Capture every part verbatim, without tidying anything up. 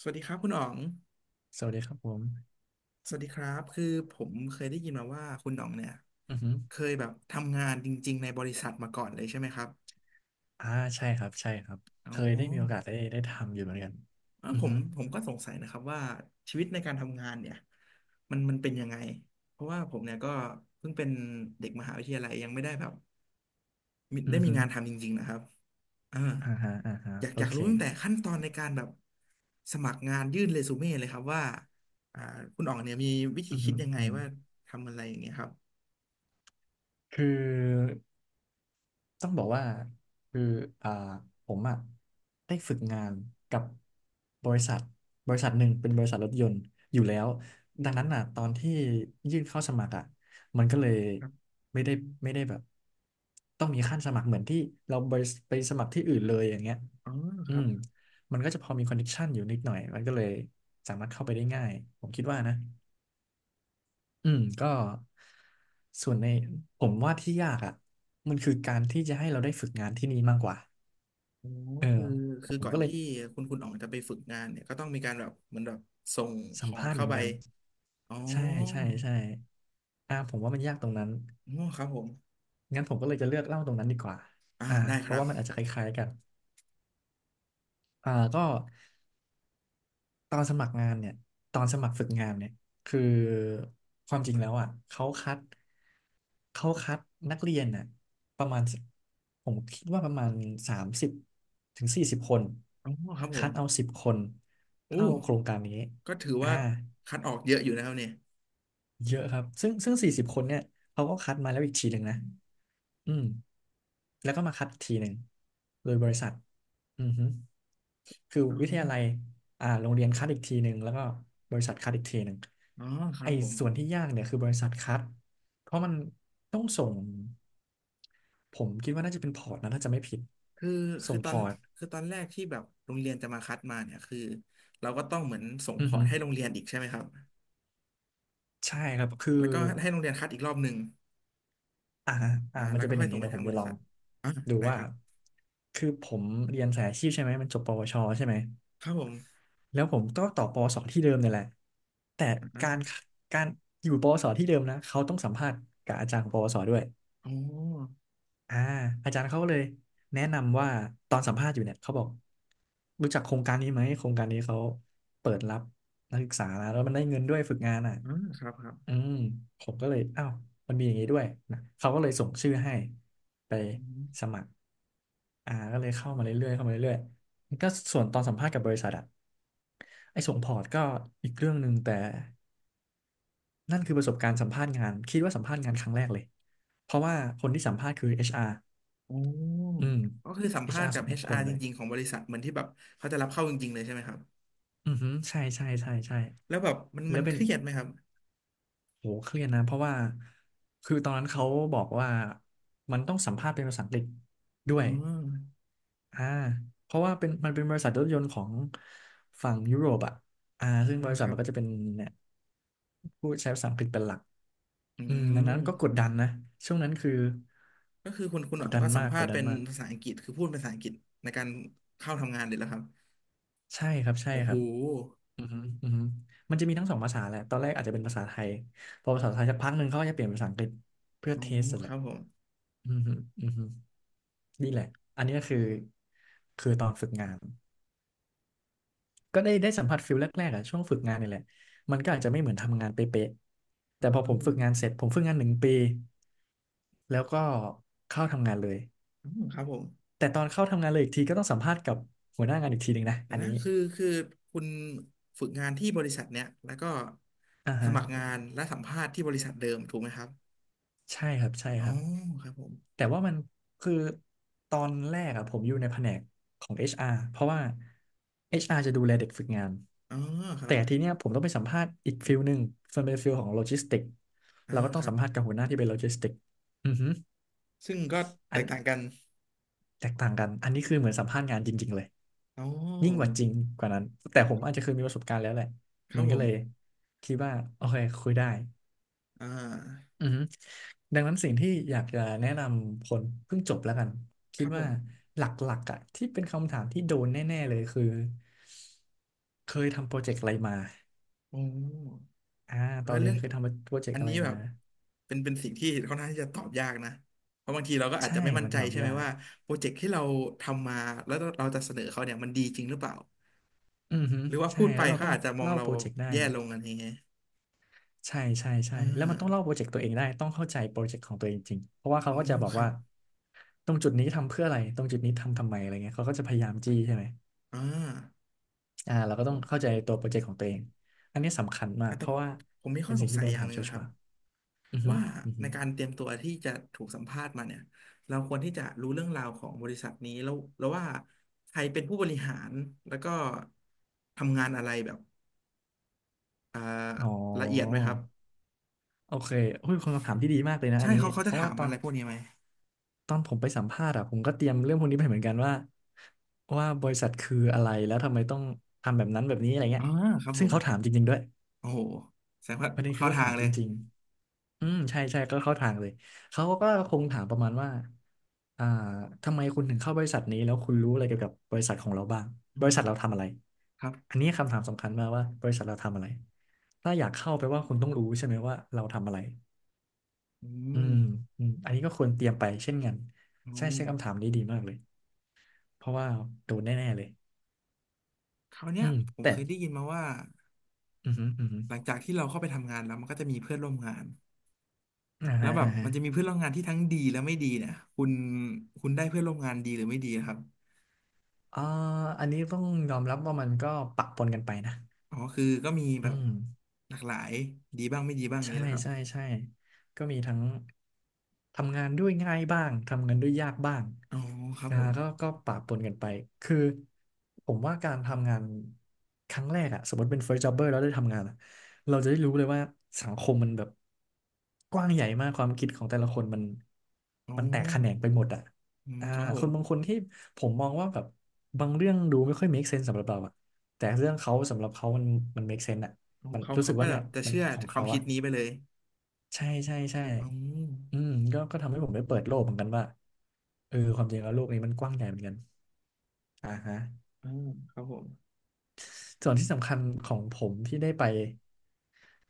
สวัสดีครับคุณอ๋อง สวัสดีครับผมสวัสดีครับคือผมเคยได้ยินมาว่าคุณอ๋องเนี่ยอือฮึเคยแบบทำงานจริงๆในบริษัทมาก่อนเลยใช่ไหมครับอ่าใช่ครับใช่ครับอ๋เคอยได้มีโอกาสได้ได้ทำอยู่เหมือนกันเอ้าอือผมฮึผมก็สงสัยนะครับว่าชีวิตในการทำงานเนี่ยมันมันเป็นยังไงเพราะว่าผมเนี่ยก็เพิ่งเป็นเด็กมหาวิทยาลัยยังไม่ได้แบบมีอืได้อมีฮึงานทำจริงๆนะครับอ่าอ่าฮะอ่าฮะอยากโออยากเครู้ตั้งแต่ขั้นตอนในการแบบสมัครงานยื่นเรซูเม่เลยครับว่าอ่าคุณอ๋องเนี่ยมีวิธีอือคิฮึดยังไงอือฮึว่าทำอะไรอย่างเงี้ยครับ คือ ต้องบอกว่าคืออ่าผมอ่ะได้ฝึกงานกับบริษัทบริษัทหนึ่งเป็นบริษัทรถยนต์อยู่แล้วดังนั้นอ่ะตอนที่ยื่นเข้าสมัครอ่ะมันก็เลยครับไม่ได้ไม่ได้แบบต้องมีขั้นสมัครเหมือนที่เราไปไปสมัครที่อื่นเลยอย่างเงี้ยอ๋อคอืรัมบมันก็จะพอมีคอนเนคชั่นอยู่นิดหน่อยมันก็เลยสามารถเข้าไปได้ง่ายผมคิดว่านะ อืมก็ส่วนในผมว่าที่ยากอ่ะมันคือการที่จะให้เราได้ฝึกงานที่นี่มากกว่าโอ้เออคือผคือมก่อนก็เลยที่คุณคุณอ๋องจะไปฝึกงานเนี่ยก็ต้องมีการแบบเหมือนแบบส่งพสัมอร์ตภาษณ์เหเข้ามือนไปกันอ๋อใช่ใช่ใช่อ่าผมว่ามันยากตรงนั้นอ๋อครับผมงั้นผมก็เลยจะเลือกเล่าตรงนั้นดีกว่าอ่าอ่าได้เพคราะรับว่ามันอาจจะคล้ายๆกันอ่าก็ ตอนสมัครงานเนี่ย ตอนสมัครฝึกงานเนี่ยคือความจริงแล้วอ่ะ เขาคัด เขาคัดนักเรียนน่ะประมาณผมคิดว่าประมาณสามสิบถึงสี่สิบคน อ๋อครับผคัมดเอาสิบคนอู้เข้าโครงการนี้ก็ถืออ่าว่าคัดออกเยอะอยู่นะครับเนี่ยเยอะครับ ซึ่งซึ่งสี่สิบคนเนี่ยเขาก็คัดมาแล้วอีกทีหนึ่งนะ อืมแล้วก็มาคัดอีกทีหนึ่งโดยบริษัทอือฮึคืออ๋อวิทยาลัยอ่าโรงเรียนคัดอีกทีหนึ่งแล้วก็บริษัทคัดอีกทีหนึ่งอ๋อครัไอ้บผมส่วนที่ยากเนี่ยคือบริษัทคัดเพราะมันต้องส่งผมคิดว่าน่าจะเป็นพอร์ตนะถ้าจะไม่ผิดคือคืส่องตพอนอร์ตคือตอนแรกที่แบบโรงเรียนจะมาคัดมาเนี่ยคือเราก็ต้องเหมือนส่งพอืออร์ตฮึให้โรงเรียนอีกใช่ไหมครับใช่ครับคือแล้วก็ให้โรงเรียนคัดอีกรอบหนึ่งอ่าอ่าอ่ามันแล้วจะก็เป็นค่ออย่ายงส่นี้งไปเดี๋ยวทาผงมบจะริลอษังทอ่าดูได้ว่าครับคือผมเรียนสายอาชีพใช่ไหมมันจบปวชใช่ไหม ครับผม แล้วผมก็ต่อปอสอที่เดิมนี่แหละแต่อ่าการการอยู่ปวสอที่เดิมนะเขาต้องสัมภาษณ์กับอาจารย์ของปวสอด้วยอ๋ออ่าอาจารย์เขาก็เลยแนะนำว่าตอนสัมภาษณ์อยู่เนี่ยเขาบอกรู้จักโครงการนี้ไหมโครงการนี้เขาเปิดรับนักศึกษานะแล้วมันได้เงินด้วยฝึกงานอ่ะอ่าครับครับอืมผมก็เลยอ้าวมันมีอย่างนี้ด้วยนะเขาก็เลยส่งชื่อให้ไปอืมสมัครอ่าก็เลยเข้ามาเรื่อยๆเข้ามาเรื่อยๆก็ส่วนตอนสัมภาษณ์กับบริษัทอะ ไอ้ส่งพอร์ตก็อีกเรื่องหนึ่งแต่นั่นคือประสบการณ์สัมภาษณ์งานคิดว่าสัมภาษณ์งานครั้งแรกเลยเพราะว่าคนที่สัมภาษณ์คือ เอช อาร์ อชอาร์โอ้อืม ก็คือสัมภาษณ์ เอช อาร์ กัสบ องคน เอช อาร์ จเลยริงๆของบริษัทเหมือนที่แบบเขาจะรับเข้าจริงๆเลยใช่ไหมครับ อือฮึใช่ใช่ใช่ใช่แล้วแบบมันแล้มันวเป็เคนรียดไหมครับโหเครียดนะเพราะว่าคือตอนนั้นเขาบอกว่ามันต้องสัมภาษณ์เป็นภาษาอังกฤษด้วอ๋อยอ่าเพราะว่าเป็นมันเป็นบริษัทรถยนต์ของฝั่งยุโรปอ่ะอ่าซึ่งบอ่าริษัคทรัมับ นก็จะเป็นเนี่ยพูดใช้ภาษาอังกฤษเป็นหลัก อือืมดังนั้นก็กมดดันนะ ช่วงนั้นคือก็คือคุณคุณหกนอดงดันก็สัมมากภากษดณ์ดัเป็นนมาก ภาษาอังกฤษคือพูดเป็นภาษาอังกฤษในการเข้าทำงานเลยแล้วครับใช่ครับใช่โอ้คโหรับอือฮึอือฮึมันจะมีทั้งสองภาษาแหละตอนแรกอาจจะเป็นภาษาไทย พอภาษาไทยสักพักหนึ่งเขาก็จะเปลี่ยนเป็นภาษาอังกฤษเพื่ออ๋อเทสแหคละรับผมอือฮึอือฮึนี่แหละ อันนี้ก็คือ คือตอนฝึกงาน ก็ได้ได้สัมผัสฟิลแรกๆอะช่วงฝึกงานนี่แหละมันก็อาจจะไม่เหมือนทำงานเป๊ะๆแต่อ๋พอผมฝึกงาอนเสร็จผมฝึกงานหนึ่งปีแล้วก็เข้าทำงานเลย อืมครับผม แต่ตอนเข้าทำงานเลยอีกทีก็ต้องสัมภาษณ์กับหัวหน้างานอีกทีหนึ่งนะเดี๋ยอัวนนะนี้คือคือคุณฝึกงานที่บริษัทเนี้ยแล้วก็อ่าสฮะมัครงานและสัมภาษณ์ที่บริษัทเดิมถูกไหมครับใช่ครับใช่อ๋คอรับครับผมแต่ว่ามันคือตอนแรกอะผมอยู่ในแผนกของ เอช อาร์ เพราะว่า เอช อาร์ จะดูแลเด็กฝึกงานอ๋อครัแต่บทีเนี้ยผมต้องไปสัมภาษณ์อีกฟิลหนึ่งส่วนเป็นฟิลของโลจิสติกอ่าเราก็ต้อคงรัสับ มภาษณ์กับหัวหน้าที่เป็นโลจิสติกอือฮึซึ่งก็แตอันกต่างกันแตกต่างกันอันนี้คือเหมือนสัมภาษณ์งานจริงๆเลยอ๋ยิ่งกว่าอจริงกว่านั้นแต่ผมอาจจะเคยมีประสบการณ์แล้วแหละครัมับนผก็เลยม คิดว่าโอเคคุยได้ อ่าอือฮึดังนั้นสิ่งที่อยากจะแนะนำคนเพิ่งจบแล้วกันคคิดรับผว่ามหลักๆอ่ะที่เป็นคำถามที่โดนแน่ๆเลยคือเคยทำโปรเจกต์อะไรมาโอ้อ่าเอตออนเรีเรื่ยอนงเคยทำโปรเจกอัต์นอะไรนี้แบมาบเป็นเป็นสิ่งที่ค่อนข้างที่จะตอบยากนะเพราะบางทีเราก็อาจใช่จะไม่มั่นมันใจตอบใช่ไหมยากว่า โปรเจกต์ที่เราทำมาแล้วเราจะเสนอเขาเนี่ยมันดีจริงหรือเปล่า อือฮึหรือว่าใช่พูดไปแล้วเราเขาต้องอาจจะมองเล่าเราโปรเจกต์ได้แย่ลงอะไรเงี้ยใช่ใช่ใช่อ่าแล้วมันต้องเล่าโปรเจกต์ตัวเองได้ต้องเข้าใจโปรเจกต์ของตัวเองจริงเพราะว่าเขาโอ้ก็จะบอกครัว่าบตรงจุดนี้ทำเพื่ออะไรตรงจุดนี้ทำทำไมอะไรเงี้ยเขาก็จะพยายามจี้ใช่ไหม อ่าอ่าเราครัก็บผต้องมเข้าใจตัวโปรเจกต์ของตัวเองอันนี้สำคัญมากอ่ะเพแต่ราะว่าผมมีข้เป็อนสสิ่งงที่สัยโดนอย่างถาหมนึ่งชัวนะครับร์ๆอือฮึว่าอือในฮึการเตรียมตัวที่จะถูกสัมภาษณ์มาเนี่ยเราควรที่จะรู้เรื่องราวของบริษัทนี้แล้วแล้วว่าใครเป็นผู้บริหารแล้วก็ทำงานอะไรแบบอ่าอ๋อละเอียดไหมครับโอเคเฮ้ยคนคำถามที่ดีมากเลยนะใช่อันนี้เขาเขาเพจะราะถาว่ามตออะนไรพวกนี้ไหมตอนผมไปสัมภาษณ์อะผมก็เตรียมเรื่องพวกนี้ไปเหมือนกันว่าว่าบริษัทคืออะไรแล้วทำไมต้องทำแบบนั้นแบบนี้อะไรเงี้อ่ายครับผซึ่งมเขาถามจริงๆด้วย โอ้โหแสดงว่าประเด็นคือเข้าเขาทาถางมเลจยริงๆอืมใช่ใช่ก็เข้าทางเลยเขาก็คงถามประมาณว่าอ่าทำไมคุณถึงเข้าบริษัทนี้แล้วคุณรู้อะไรเกี่ยวกับบริษัทของเราบ้างอืบริษัมทเราทำอะไรครับอันนี้คำถามสำคัญมากว่าบริษัทเราทำอะไรถ้าอยากเข้าไปลว่าคุณต้องรู้ใช่ไหมว่าเราทำอะไรอือืมมอืมอันนี้ก็ควรเตรียมไปเช่นกันโอ้ ใช่ใช่คำถามนี้ดีมากเลยเพราะว่าโดนแน่ๆเลยคราวเนี้อืยมผมแต่เคยได้ยินมาว่าอือหืออือหือหลังจากที่เราเข้าไปทำงานแล้วมันก็จะมีเพื่อนร่วมงานอ่าแล้วฮะแบบอ่าฮะมันจะมีเพื่อนร่วมงานที่ทั้งดีและไม่ดีเนี่ยคุณคุณได้เพื่อนร่วมงานดีหรือไม่ดีอะครับอ่าอันนี้ต้องยอมรับว่ามันก็ปะปนกันไปนะอ๋อคือก็มีอืแบบม หลากหลายดีบ้างไม่ดีบ้างอย่างใช่นี้แหละครับใช่ใช่ก็มีทั้งทำงานด้วยง่ายบ้าง ทำงานด้วยยากบ้าง อ๋อครับก็ผมก็ก็ปะปนกันไป คือผมว่าการทำงานครั้งแรกอะ สมมติเป็น first jobber แล้วได้ทำงานอะเราจะได้รู้เลยว่าสังคมมันแบบกว้างใหญ่มากความคิดของแต่ละคนมันอ๋อมันแตกแขนงไปหมดอะอืมอ่าครับผคมนบางคนที่ผมมองว่าแบบบางเรื่องดูไม่ค่อย make sense สำหรับเราอะแต่เรื่องเขาสำหรับเขามันมัน make sense อะอ๋อมันเขารู้เขาสึกก็ว่าแบเนี่ยบจะมันเชื่อของความเขาคิดอะ นี้ไปเลยใช่ใช่ใช่อ๋ออืมก็ก็ทำให้ผมได้เปิดโลกเหมือนกันว่าเออความจริงแล้วโลกนี้มันกว้างใหญ่เหมือนกันอ่าฮะอ๋อครับผมส่วนที่สำคัญของผมที่ได้ไป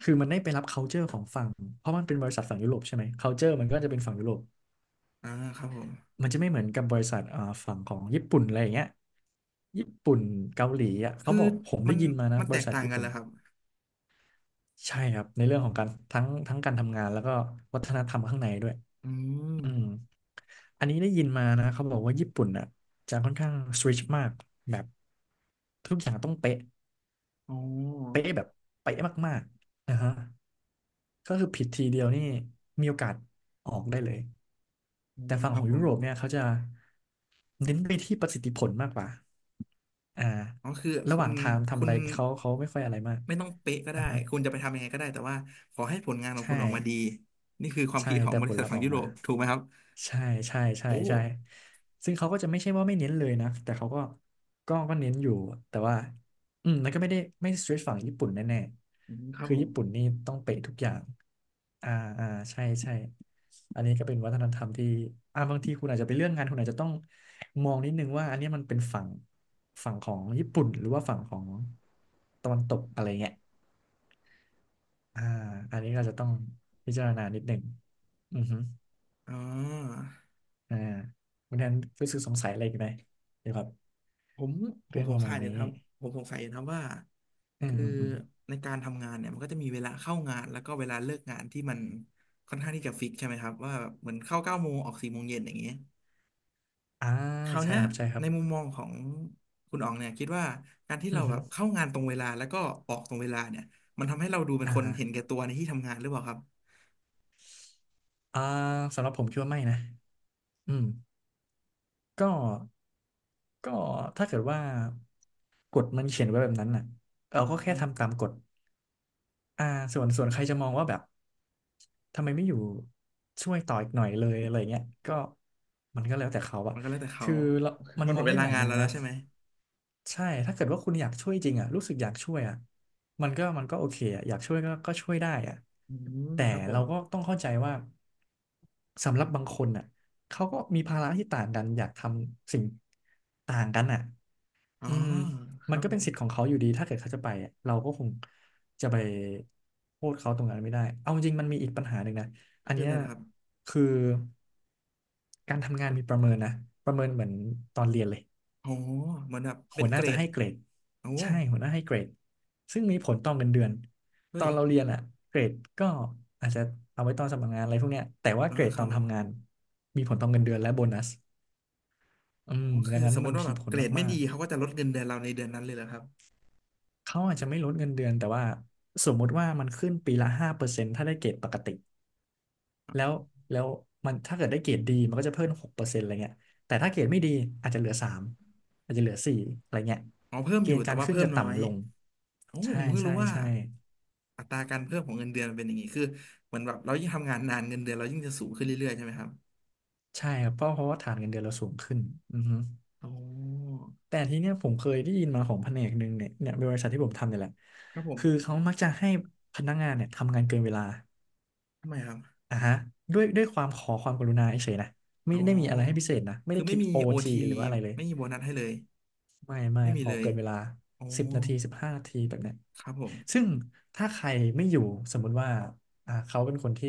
คือมันได้ไปรับ culture ของฝั่งเพราะมันเป็นบริษัทฝั่งยุโรปใช่ไหม culture มันก็จะเป็นฝั่งยุโรปอ่าครับผมมันจะไม่เหมือนกับบริษัทอ่าฝั่งของญี่ปุ่นอะไรอย่างเงี้ยญี่ปุ่นเกาหลีอ่ะเขาคือบอกผมมัได้นยินมานะมันบแตริกษัทต่างญี่กันปุ่เหรนอครับใช่ครับในเรื่องของการทั้งทั้งการทำงานแล้วก็วัฒนธรรมข้างในด้วย อือืมมอันนี้ได้ยินมานะเขาบอกว่าญี่ปุ่นอ่ะจะค่อนข้างสตริกมากแบบทุกอย่างต้องเป๊ะอ๋อเป๊ะแบบเป๊ะมากๆนะฮะก็คือผิดทีเดียวนี่มีโอกาสออกได้เลยอืแต่มฝั่คงรัขอบงผยุม โรปเนี่ยเขาจะเน้นไปที่ประสิทธิผลมากกว่าอ่าอ๋อคือระคุหณว่างทางทำคุอะณไรเขาเขาไม่ค่อยอะไรมากไม่ต้องเป๊ะก็อ่าได้ฮะคุณจะไปทำยังไงก็ได้แต่ว่าขอให้ผลงานของใช่ คุณออกมาดีนี่คือความใช่คิดของแต่บผริลษัทลัพธ์ฝั่องอกยุโรมาปถูกไหมครับใช่ใช่ใช่โอ้ใช่ซึ่งเขาก็จะไม่ใช่ว่าไม่เน้นเลยนะแต่เขาก็ก็ก็เน้นอยู่แต่ว่าอืมแล้วก็ไม่ได้ไม่สตรีทฝั่งญี่ปุ่นแน่อืมคๆรับคือผมญี่ปุ่นนี่ต้องเป๊ะทุกอย่างอ่าอ่าใช่ใช่อันนี้ก็เป็นวัฒนธรรมที่อ่าบางทีคุณอาจจะไปเรื่องงานคุณอาจจะต้องมองนิดนึงว่าอันนี้มันเป็นฝั่งฝั่งของญี่ปุ่นหรือว่าฝั่งของตะวันตกอะไรเงี้ยอ่าอันนี้ก็จะต้องพิจารณานิดหนึ่งอือฮึ อ่าอ่าคุณแทนรู้สึกสงสัยอะไรอีกไหมเกี่ยวกับผมผมเรื่องสปงระสัมายณอยู่นะนี้ครับผมสงสัยอยู่นะครับว่าอืมคืออืมอืมในการทำงานเนี่ยมันก็จะมีเวลาเข้างานแล้วก็เวลาเลิกงานที่มันค่อนข้างที่จะฟิกใช่ไหมครับว่าแบบเหมือนเข้าเก้าโมงออกสี่โมงเย็นอย่างเงี้ย อ่าคราวใช่เนี้ยครับใช่ครัในบมุมมองของคุณอ๋องเนี่ยคิดว่าการที่เราอือแบฮึบเข้างานตรงเวลาแล้วก็ออกตรงเวลาเนี่ยมันทำให้เราดูเป็นอ่าคนฮะเห็นแก่ตัวในที่ทำงานหรือเปล่าครับอ่าสำหรับผมคิดว่าไม่นะอืมก็ก็ถ้าเกิดว่ากฎมันเขียนไว้แบบนั้นน่ะเราอ๋อก็แค่ทำตามกฎอ่าส่วนส่วนใครจะมองว่าแบบทำไมไม่อยู่ช่วยต่ออีกหน่อยเลยอะไรเงี้ยก็มันก็แล้วแต่เขาอะมันก็แล้วแต่เขา คือเรามั นมันหมมองดเวได้ลาหลายงานมุมเราแล้นะ วใช่ไหมใช่ถ้าเกิดว่าคุณอยากช่วยจริงอ่ะรู้สึกอยากช่วยอ่ะมันก็มันก็โอเคอ่ะอยากช่วยก็ก็ช่วยได้อ่ะอืมแต่ครับผเรามก็ต้องเข้าใจว่าสำหรับบางคนอ่ะเขาก็มีภาระที่ต่างกันอยากทำสิ่งต่างกันอ่ะอ๋ออืมคมัรันบก็ผเป็นมสิทธิ์ของเขาอยู่ดีถ้าเกิดเขาจะไปอะเราก็คงจะไปโทษเขาตรงนั้นไม่ได้เอาจริงมันมีอีกปัญหาหนึ่งนะอันคือเนี้อะยไรนะครับคือการทำงานมีประเมินนะประเมินเหมือนตอนเรียนเลย โอ้เหมือนแบบเป็หันวหเกน้ารจะดให้เกรดโอ้ใช่หัวหน้าให้เกรดซึ่งมีผลต่อเงินเดือน ตเฮ้อยนเราเรียนอะเกรดก็อาจจะเอาไว้ตอนสมัครงานอะไรพวกเนี้ยแต่ว่าอ๋อเกรดคตรัอบนผมทำงานมีผลต่อเงินเดือนและโบนัสอือ๋อมดัคืองนั้สนมมมันติว่ามีแบบผเกลรดไม่มาดีกเขาก็จะลดเงินเดือนเราในเดือนนั้นเลยเหรอครับ ๆเขาอาจจะไม่ลดเงินเดือนแต่ว่าสมมุติว่ามันขึ้นปีละห้าเปอร์เซ็นต์ถ้าได้เกรดปกติแล้วแล้วมันถ้าเกิดได้เกรดดีมันก็จะเพิ่มหกเปอร์เซ็นต์อะไรเงี้ยแต่ถ้าเกรดไม่ดีอาจจะเหลือสามอาจจะเหลือสี่อะไรเงี้ยอ๋อเพิ่มเกอยู่ณฑ์แต่การว่าขึ้นเพิ่มจะน้อยต่ำลงโอ้ใช่ผมเพิ่งใช่รู้ว่าใช่ อัตราการเพิ่มของเงินเดือนมันเป็นอย่างนี้คือเหมือนแบบเรายิ่งทำงานนานเงินเดือนเรายิ่งจะสูงขึ้นเรื่อยๆใช่ไหมครับใช่ครับเพราะเพราะว่าฐานเงินเดือนเราสูงขึ้นอือฮึอ๋อแต่ทีเนี้ยผมเคยได้ยินมาของแผนกหนึ่งเนี่ยเนี่ยบริษัทที่ผมทำเนี่ยแหละครับผมคือเขามักจะให้พนักงานเนี่ยทำงานเกินเวลาทำไมครับอ่ะฮะด้วยด้วยความขอความกรุณาเฉยๆนะไม่อ๋อได้มีอะไรให้พิเศษนะไม่คือได้ไม่คิดมีโอโอทีทีหรือว่าอะไรเลย ไม่มีโบนัสให้เลยไม่ไม่ไม่มีขอเลยเกินเวลาอ๋อสิบนาทีสิบห้านาทีแบบเนี้ยครับผมซึ่งถ้าใครไม่อยู่สมมุติว่าอ่าเขาเป็นคนที่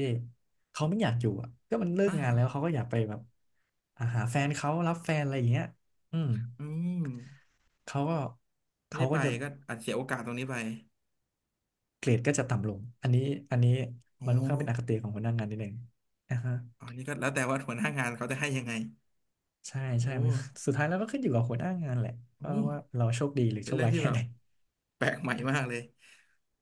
เขาไม่อยากอยู่อ่ะก็มันเลิกอ่างานแล้วเขาก็อยากไปแบบอ่าหาแฟนเขารับแฟนอะไรอย่างเงี้ยอืมอืมเขาก็ไม่เขาได้ไปก็จะก็อาจเสียโอกาสตรงนี้ไปเกรดก็จะต่ำลงอันนี้อันนี้อ๋มัอนค่อนข้างเป็นอคติของหัวหน้างานนิดนึงนะฮะอันนี้ก็แล้วแต่ว่าหัวหน้างานเขาจะให้ยังไงใช่โอ้ใช่มันสุดท้ายแล้วก็ขึ้นอยู่กับหัวหน้างานแหละว่าโอ้ว่าเราโชคดีหรือเป็โชนคเรื่องร้ายที่แค่แบไหบนแปลกใหม่มากเลย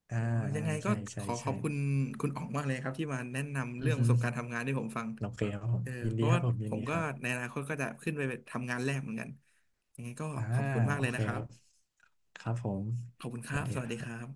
อ่าโอ้ยยัอ่างไงก็ใช่ขใช่อขใช่อบคุณคุณอ๋องมากเลยครับที่มาแนะนำอืเรื่อองปฮึ ระสบการณ์ทำงานให้ผมฟังโอเคครับผเอมอยินเพดีราะครัว่าบผมผยินมดีก็ครัในบอนาคตก็จะขึ้นไปทำงานแรกเหมือนกันยังไงก็อ่าขอบคุณมากโอเลยเคนะครัคบ รับครับผมขอบคุณสครัวัสบ ดีสวัคสรัดีครับบ